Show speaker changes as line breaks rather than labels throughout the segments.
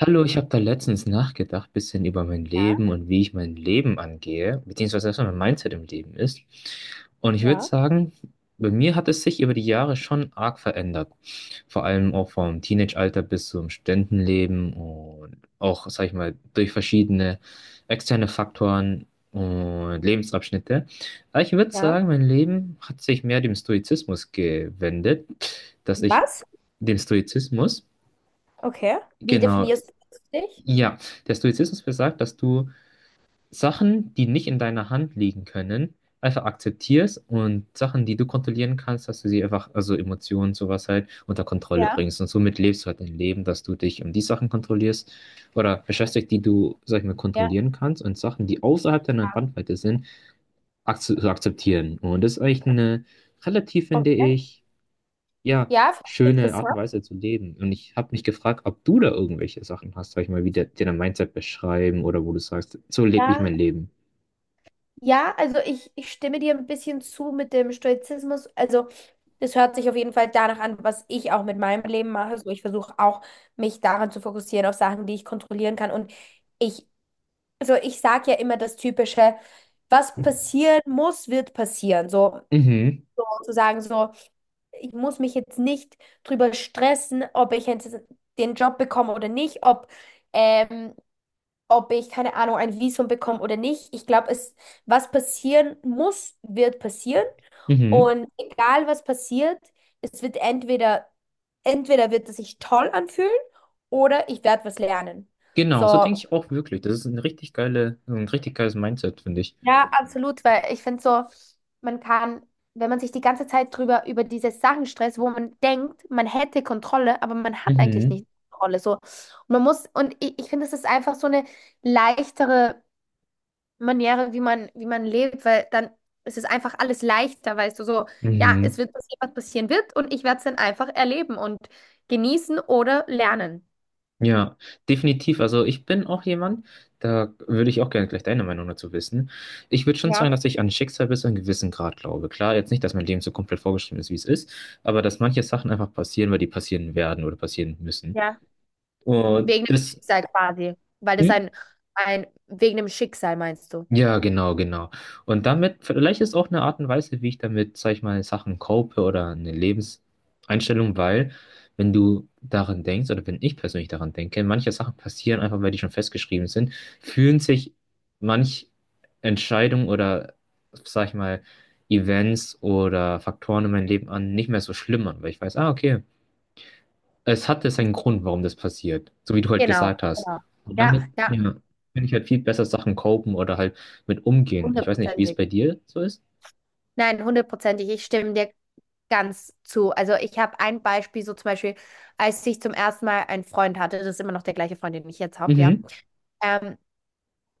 Hallo, ich habe da letztens nachgedacht, bisschen über mein Leben und wie ich mein Leben angehe, beziehungsweise was so mein Mindset im Leben ist. Und ich würde
Ja,
sagen, bei mir hat es sich über die Jahre schon arg verändert. Vor allem auch vom Teenage-Alter bis zum Studentenleben und auch, sag ich mal, durch verschiedene externe Faktoren und Lebensabschnitte. Aber ich würde
ja.
sagen, mein Leben hat sich mehr dem Stoizismus gewendet, dass ich
Was?
dem Stoizismus,
Okay. Wie
genau,
definierst du dich?
ja, der Stoizismus besagt, dass du Sachen, die nicht in deiner Hand liegen können, einfach akzeptierst und Sachen, die du kontrollieren kannst, dass du sie einfach, also Emotionen, sowas halt, unter Kontrolle
Ja,
bringst. Und somit lebst du halt dein Leben, dass du dich um die Sachen kontrollierst oder beschäftigst, die du, sag ich mal,
ja,
kontrollieren kannst und Sachen, die außerhalb deiner Bandweite sind, ak zu akzeptieren. Und das ist eigentlich eine relativ, finde
okay.
ich, ja,
Ja, finde ich
schöne Art und
interessant.
Weise zu leben. Und ich habe mich gefragt, ob du da irgendwelche Sachen hast, sag ich mal, dir dein Mindset beschreiben oder wo du sagst, so lebe ich
Ja,
mein Leben.
ja, also ich stimme dir ein bisschen zu mit dem Stoizismus. Also das hört sich auf jeden Fall danach an, was ich auch mit meinem Leben mache. So, ich versuche auch, mich daran zu fokussieren, auf Sachen, die ich kontrollieren kann. Und ich, also ich sage ja immer das Typische, was passieren muss, wird passieren. So
Mhm,
zu sagen, so. Ich muss mich jetzt nicht drüber stressen, ob ich jetzt den Job bekomme oder nicht, ob, ähm, ob ich, keine Ahnung, ein Visum bekomme oder nicht. Ich glaube, es, was passieren muss, wird passieren.
mhm.
Und egal was passiert, es wird entweder, entweder wird es sich toll anfühlen oder ich werde was lernen.
Genau, so
So,
denke ich auch wirklich. Das ist ein richtig geiles Mindset, finde ich.
ja, absolut, weil ich finde so, man kann, wenn man sich die ganze Zeit drüber über diese Sachen stresst, wo man denkt, man hätte Kontrolle, aber man hat eigentlich
Mhm,
nicht Kontrolle. So. Und man muss, und ich finde, es ist einfach so eine leichtere Maniere, wie man lebt, weil dann ist es einfach alles leichter, weißt du, so, ja, es
mhm.
wird passieren, was passieren wird, und ich werde es dann einfach erleben und genießen oder lernen.
Ja, definitiv. Also ich bin auch jemand, da würde ich auch gerne gleich deine Meinung dazu wissen. Ich würde schon sagen,
Ja,
dass ich an Schicksal bis zu einem gewissen Grad glaube. Klar, jetzt nicht, dass mein Leben so komplett vorgeschrieben ist, wie es ist, aber dass manche Sachen einfach passieren, weil die passieren werden oder passieren müssen.
ja.
Und
Wegen dem
das
Schicksal quasi. Weil das
hm?
ein, wegen dem Schicksal meinst du.
Ja, genau, genau. Und damit, vielleicht ist auch eine Art und Weise, wie ich damit, sag ich mal, Sachen cope oder eine Lebenseinstellung, weil, wenn du daran denkst, oder wenn ich persönlich daran denke, manche Sachen passieren einfach, weil die schon festgeschrieben sind, fühlen sich manch Entscheidung oder, sag ich mal, Events oder Faktoren in meinem Leben an, nicht mehr so schlimm an, weil ich weiß, ah, okay, es hatte seinen Grund, warum das passiert, so wie du halt
Genau,
gesagt hast.
genau.
Und
Ja,
damit,
ja,
ja, kann ich halt viel besser Sachen copen oder halt mit umgehen. Ich weiß nicht, wie es
hundertprozentig.
bei dir so ist.
Nein, hundertprozentig. Ich stimme dir ganz zu. Also ich habe ein Beispiel, so zum Beispiel, als ich zum ersten Mal einen Freund hatte, das ist immer noch der gleiche Freund, den ich jetzt habe, ja.
Mhm.
Ähm,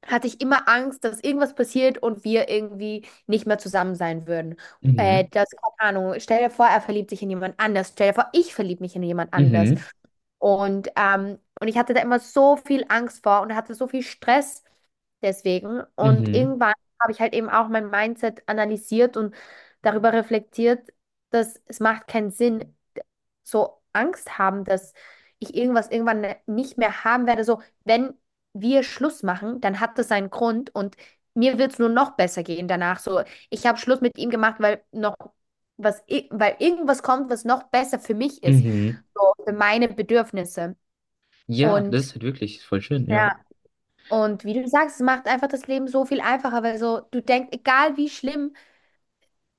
hatte ich immer Angst, dass irgendwas passiert und wir irgendwie nicht mehr zusammen sein würden.
Mhm.
Das, keine Ahnung, stell dir vor, er verliebt sich in jemand anders. Stell dir vor, ich verliebe mich in jemand anders.
Mhm.
Und ich hatte da immer so viel Angst vor und hatte so viel Stress deswegen. Und
Mhm.
irgendwann habe ich halt eben auch mein Mindset analysiert und darüber reflektiert, dass es macht keinen Sinn, so Angst haben, dass ich irgendwas irgendwann nicht mehr haben werde. So, wenn wir Schluss machen, dann hat das seinen Grund und mir wird es nur noch besser gehen danach. So, ich habe Schluss mit ihm gemacht, weil noch weil irgendwas kommt, was noch besser für mich ist,
Mhm.
so für meine Bedürfnisse.
Ja, das
Und
ist halt wirklich voll schön, ja.
ja, und wie du sagst, es macht einfach das Leben so viel einfacher, weil so du denkst, egal wie schlimm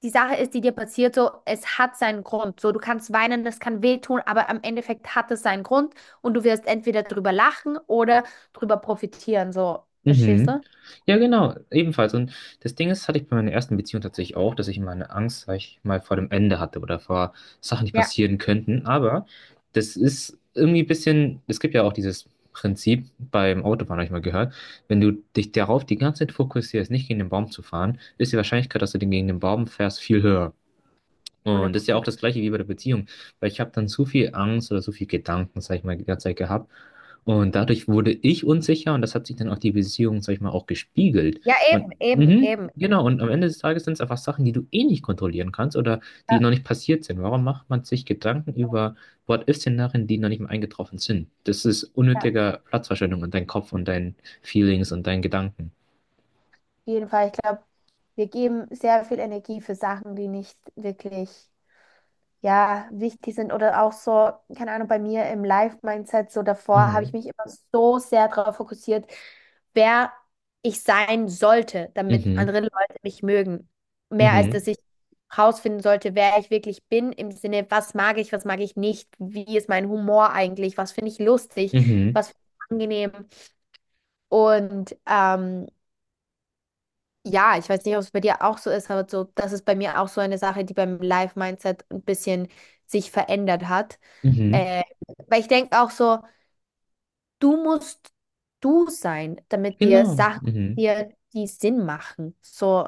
die Sache ist, die dir passiert, so es hat seinen Grund. So, du kannst weinen, das kann wehtun, aber am Endeffekt hat es seinen Grund und du wirst entweder drüber lachen oder drüber profitieren. So, verstehst
Mhm.
du?
Ja, genau, ebenfalls. Und das Ding ist, hatte ich bei meiner ersten Beziehung tatsächlich auch, dass ich immer eine Angst, sag ich mal, vor dem Ende hatte oder vor Sachen, die
Ja.
passieren könnten. Aber das ist irgendwie ein bisschen, es gibt ja auch dieses Prinzip beim Autofahren, habe ich mal gehört, wenn du dich darauf die ganze Zeit fokussierst, nicht gegen den Baum zu fahren, ist die Wahrscheinlichkeit, dass du den gegen den Baum fährst, viel höher.
100
Und das ist ja
Prozent.
auch das Gleiche wie bei der Beziehung, weil ich habe dann zu viel Angst oder zu viel Gedanken, sag ich mal, die ganze Zeit gehabt. Und dadurch wurde ich unsicher und das hat sich dann auch die Beziehung, sag ich mal, auch gespiegelt.
Ja,
Und
eben, eben,
mhm,
eben.
genau, und am Ende des Tages sind es einfach Sachen, die du eh nicht kontrollieren kannst oder die noch nicht passiert sind. Warum macht man sich Gedanken über What-if-Szenarien, die noch nicht mal eingetroffen sind? Das ist
Ja, auf
unnötiger Platzverschwendung in deinem Kopf und deinen Feelings und deinen Gedanken.
jeden Fall. Ich glaube, wir geben sehr viel Energie für Sachen, die nicht wirklich, ja, wichtig sind. Oder auch so, keine Ahnung, bei mir im Life-Mindset, so davor habe ich
Mhm.
mich immer so sehr darauf fokussiert, wer ich sein sollte, damit
Mhm.
andere Leute mich mögen. Mehr als dass
Mhm.
ich rausfinden sollte, wer ich wirklich bin, im Sinne, was mag ich nicht, wie ist mein Humor eigentlich, was finde ich lustig,
Mhm.
was finde ich angenehm. Und ja, ich weiß nicht, ob es bei dir auch so ist, aber so, das ist bei mir auch so eine Sache, die beim Life-Mindset ein bisschen sich verändert hat.
Mhm. Mhm.
Äh, weil ich denke auch so, du musst du sein, damit dir
Genau.
Sachen
Mhm.
dir die Sinn machen. So,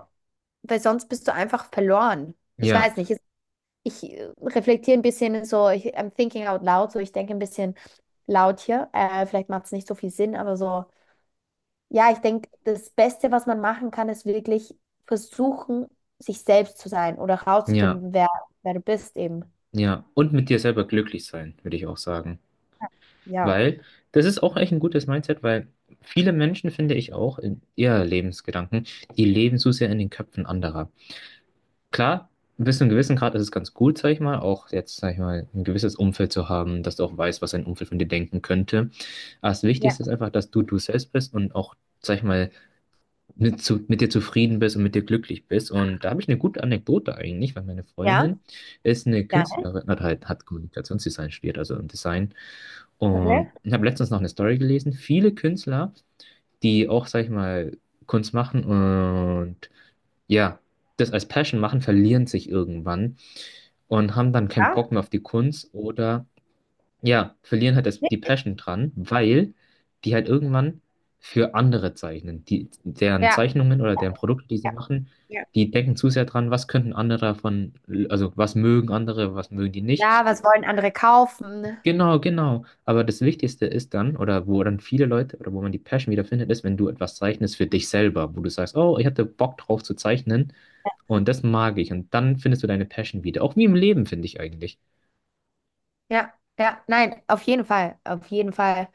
weil sonst bist du einfach verloren. Ich
Ja.
weiß nicht, ich reflektiere ein bisschen so, ich, I'm thinking out loud, so ich denke ein bisschen laut hier. Vielleicht macht es nicht so viel Sinn, aber so. Ja, ich denke, das Beste, was man machen kann, ist wirklich versuchen, sich selbst zu sein oder
Ja,
herauszufinden, wer, wer du bist eben.
ja. Und mit dir selber glücklich sein, würde ich auch sagen.
Ja.
Weil das ist auch echt ein gutes Mindset, weil viele Menschen, finde ich auch, in ihr Lebensgedanken, die leben so sehr in den Köpfen anderer. Klar, bis zu einem gewissen Grad ist es ganz gut, sag ich mal, auch jetzt, sag ich mal, ein gewisses Umfeld zu haben, dass du auch weißt, was dein Umfeld von dir denken könnte. Aber das
Ja,
Wichtigste ist einfach, dass du du selbst bist und auch, sag ich mal, mit dir zufrieden bist und mit dir glücklich bist. Und da habe ich eine gute Anekdote eigentlich, weil meine
ja,
Freundin ist eine
ja,
Künstlerin, hat Kommunikationsdesign studiert, also im Design.
okay.
Und ich habe letztens noch eine Story gelesen. Viele Künstler, die auch, sag ich mal, Kunst machen und ja, das als Passion machen, verlieren sich irgendwann und haben dann keinen
Ja,
Bock mehr auf die Kunst oder ja, verlieren halt die
richtig.
Passion dran, weil die halt irgendwann für andere zeichnen. Die, deren
Ja,
Zeichnungen oder deren Produkte, die sie
ja,
machen,
ja.
die denken zu sehr dran, was könnten andere davon, also was mögen andere, was mögen die nicht.
Ja, was wollen andere kaufen?
Genau, genau. Aber das Wichtigste ist dann, oder wo dann viele Leute, oder wo man die Passion wiederfindet, ist, wenn du etwas zeichnest für dich selber, wo du sagst, oh, ich hatte Bock drauf zu zeichnen und das mag ich. Und dann findest du deine Passion wieder. Auch wie im Leben, finde ich eigentlich.
Ja, ja, nein, auf jeden Fall, auf jeden Fall.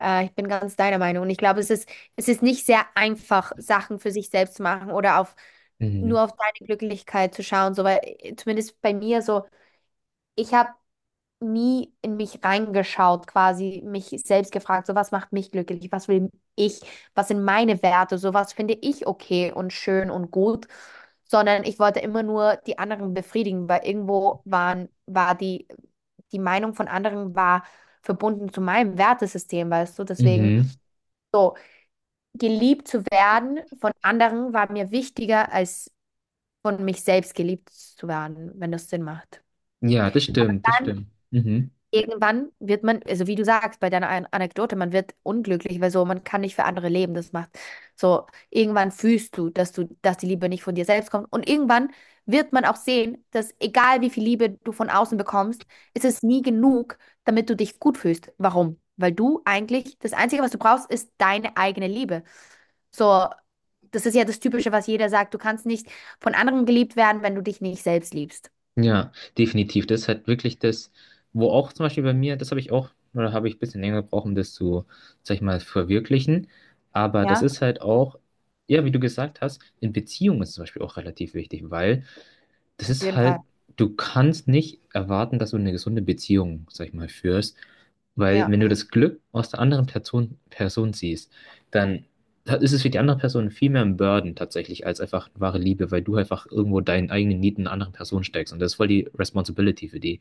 Ich bin ganz deiner Meinung und ich glaube, es ist nicht sehr einfach, Sachen für sich selbst zu machen oder auf
Mhm.
nur auf deine Glücklichkeit zu schauen, so weil zumindest bei mir so, ich habe nie in mich reingeschaut, quasi mich selbst gefragt, so was macht mich glücklich, was will ich, was sind meine Werte, so was finde ich okay und schön und gut, sondern ich wollte immer nur die anderen befriedigen, weil irgendwo waren, war die, die Meinung von anderen war verbunden zu meinem Wertesystem, weißt du, deswegen
Mhm.
so geliebt zu werden von anderen war mir wichtiger als von mich selbst geliebt zu werden, wenn das Sinn macht.
Ja, das stimmt, das stimmt. Mhm.
Irgendwann wird man, also wie du sagst, bei deiner Anekdote, man wird unglücklich, weil so, man kann nicht für andere leben. Das macht so, irgendwann fühlst du, dass die Liebe nicht von dir selbst kommt. Und irgendwann wird man auch sehen, dass egal wie viel Liebe du von außen bekommst, ist es nie genug, damit du dich gut fühlst. Warum? Weil du eigentlich, das Einzige, was du brauchst, ist deine eigene Liebe. So, das ist ja das Typische, was jeder sagt. Du kannst nicht von anderen geliebt werden, wenn du dich nicht selbst liebst.
Ja, definitiv. Das ist halt wirklich das, wo auch zum Beispiel bei mir, das habe ich auch, oder habe ich ein bisschen länger gebraucht, um das zu, sag ich mal, verwirklichen. Aber das
Ja,
ist halt auch, ja, wie du gesagt hast, in Beziehungen ist es zum Beispiel auch relativ wichtig, weil das
auf
ist
jeden Fall.
halt, du kannst nicht erwarten, dass du eine gesunde Beziehung, sag ich mal, führst, weil
Ja,
wenn du das Glück aus der Person siehst, dann da ist es für die andere Person viel mehr ein Burden tatsächlich als einfach wahre Liebe, weil du einfach irgendwo deinen eigenen Need in einer anderen Person steckst und das ist voll die Responsibility für die.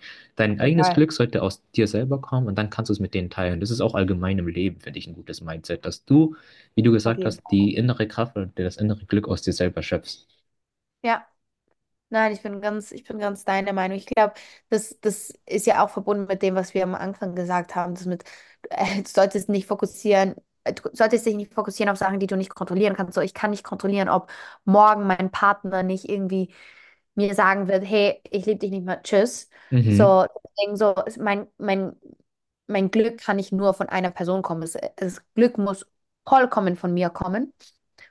auf
Dein
jeden
eigenes
Fall.
Glück sollte aus dir selber kommen und dann kannst du es mit denen teilen. Das ist auch allgemein im Leben, finde ich, ein gutes Mindset, dass du, wie du
Auf
gesagt
jeden
hast,
Fall.
die innere Kraft und das innere Glück aus dir selber schöpfst.
Ja. Nein, ich bin ganz deiner Meinung. Ich glaube, das, das ist ja auch verbunden mit dem, was wir am Anfang gesagt haben, das mit, du solltest nicht fokussieren, du solltest dich nicht fokussieren auf Sachen, die du nicht kontrollieren kannst. So, ich kann nicht kontrollieren, ob morgen mein Partner nicht irgendwie mir sagen wird, hey, ich liebe dich nicht mehr, tschüss.
Mhm,
So, deswegen so, ist mein, mein, mein Glück kann nicht nur von einer Person kommen. Es, Glück muss vollkommen von mir kommen.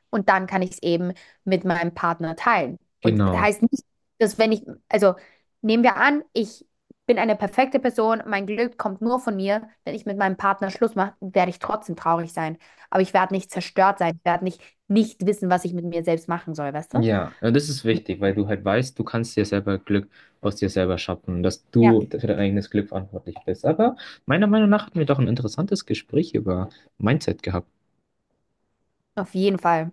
Und dann kann ich es eben mit meinem Partner teilen. Und das
genau.
heißt nicht, dass wenn ich, also nehmen wir an, ich bin eine perfekte Person, mein Glück kommt nur von mir. Wenn ich mit meinem Partner Schluss mache, werde ich trotzdem traurig sein. Aber ich werde nicht zerstört sein, ich werde nicht, nicht wissen, was ich mit mir selbst machen soll, weißt du?
Ja, und das ist wichtig, weil du halt weißt, du kannst dir selber Glück aus dir selber schaffen, dass
Ja.
du für dein eigenes Glück verantwortlich bist. Aber meiner Meinung nach hatten wir doch ein interessantes Gespräch über Mindset gehabt.
Auf jeden Fall.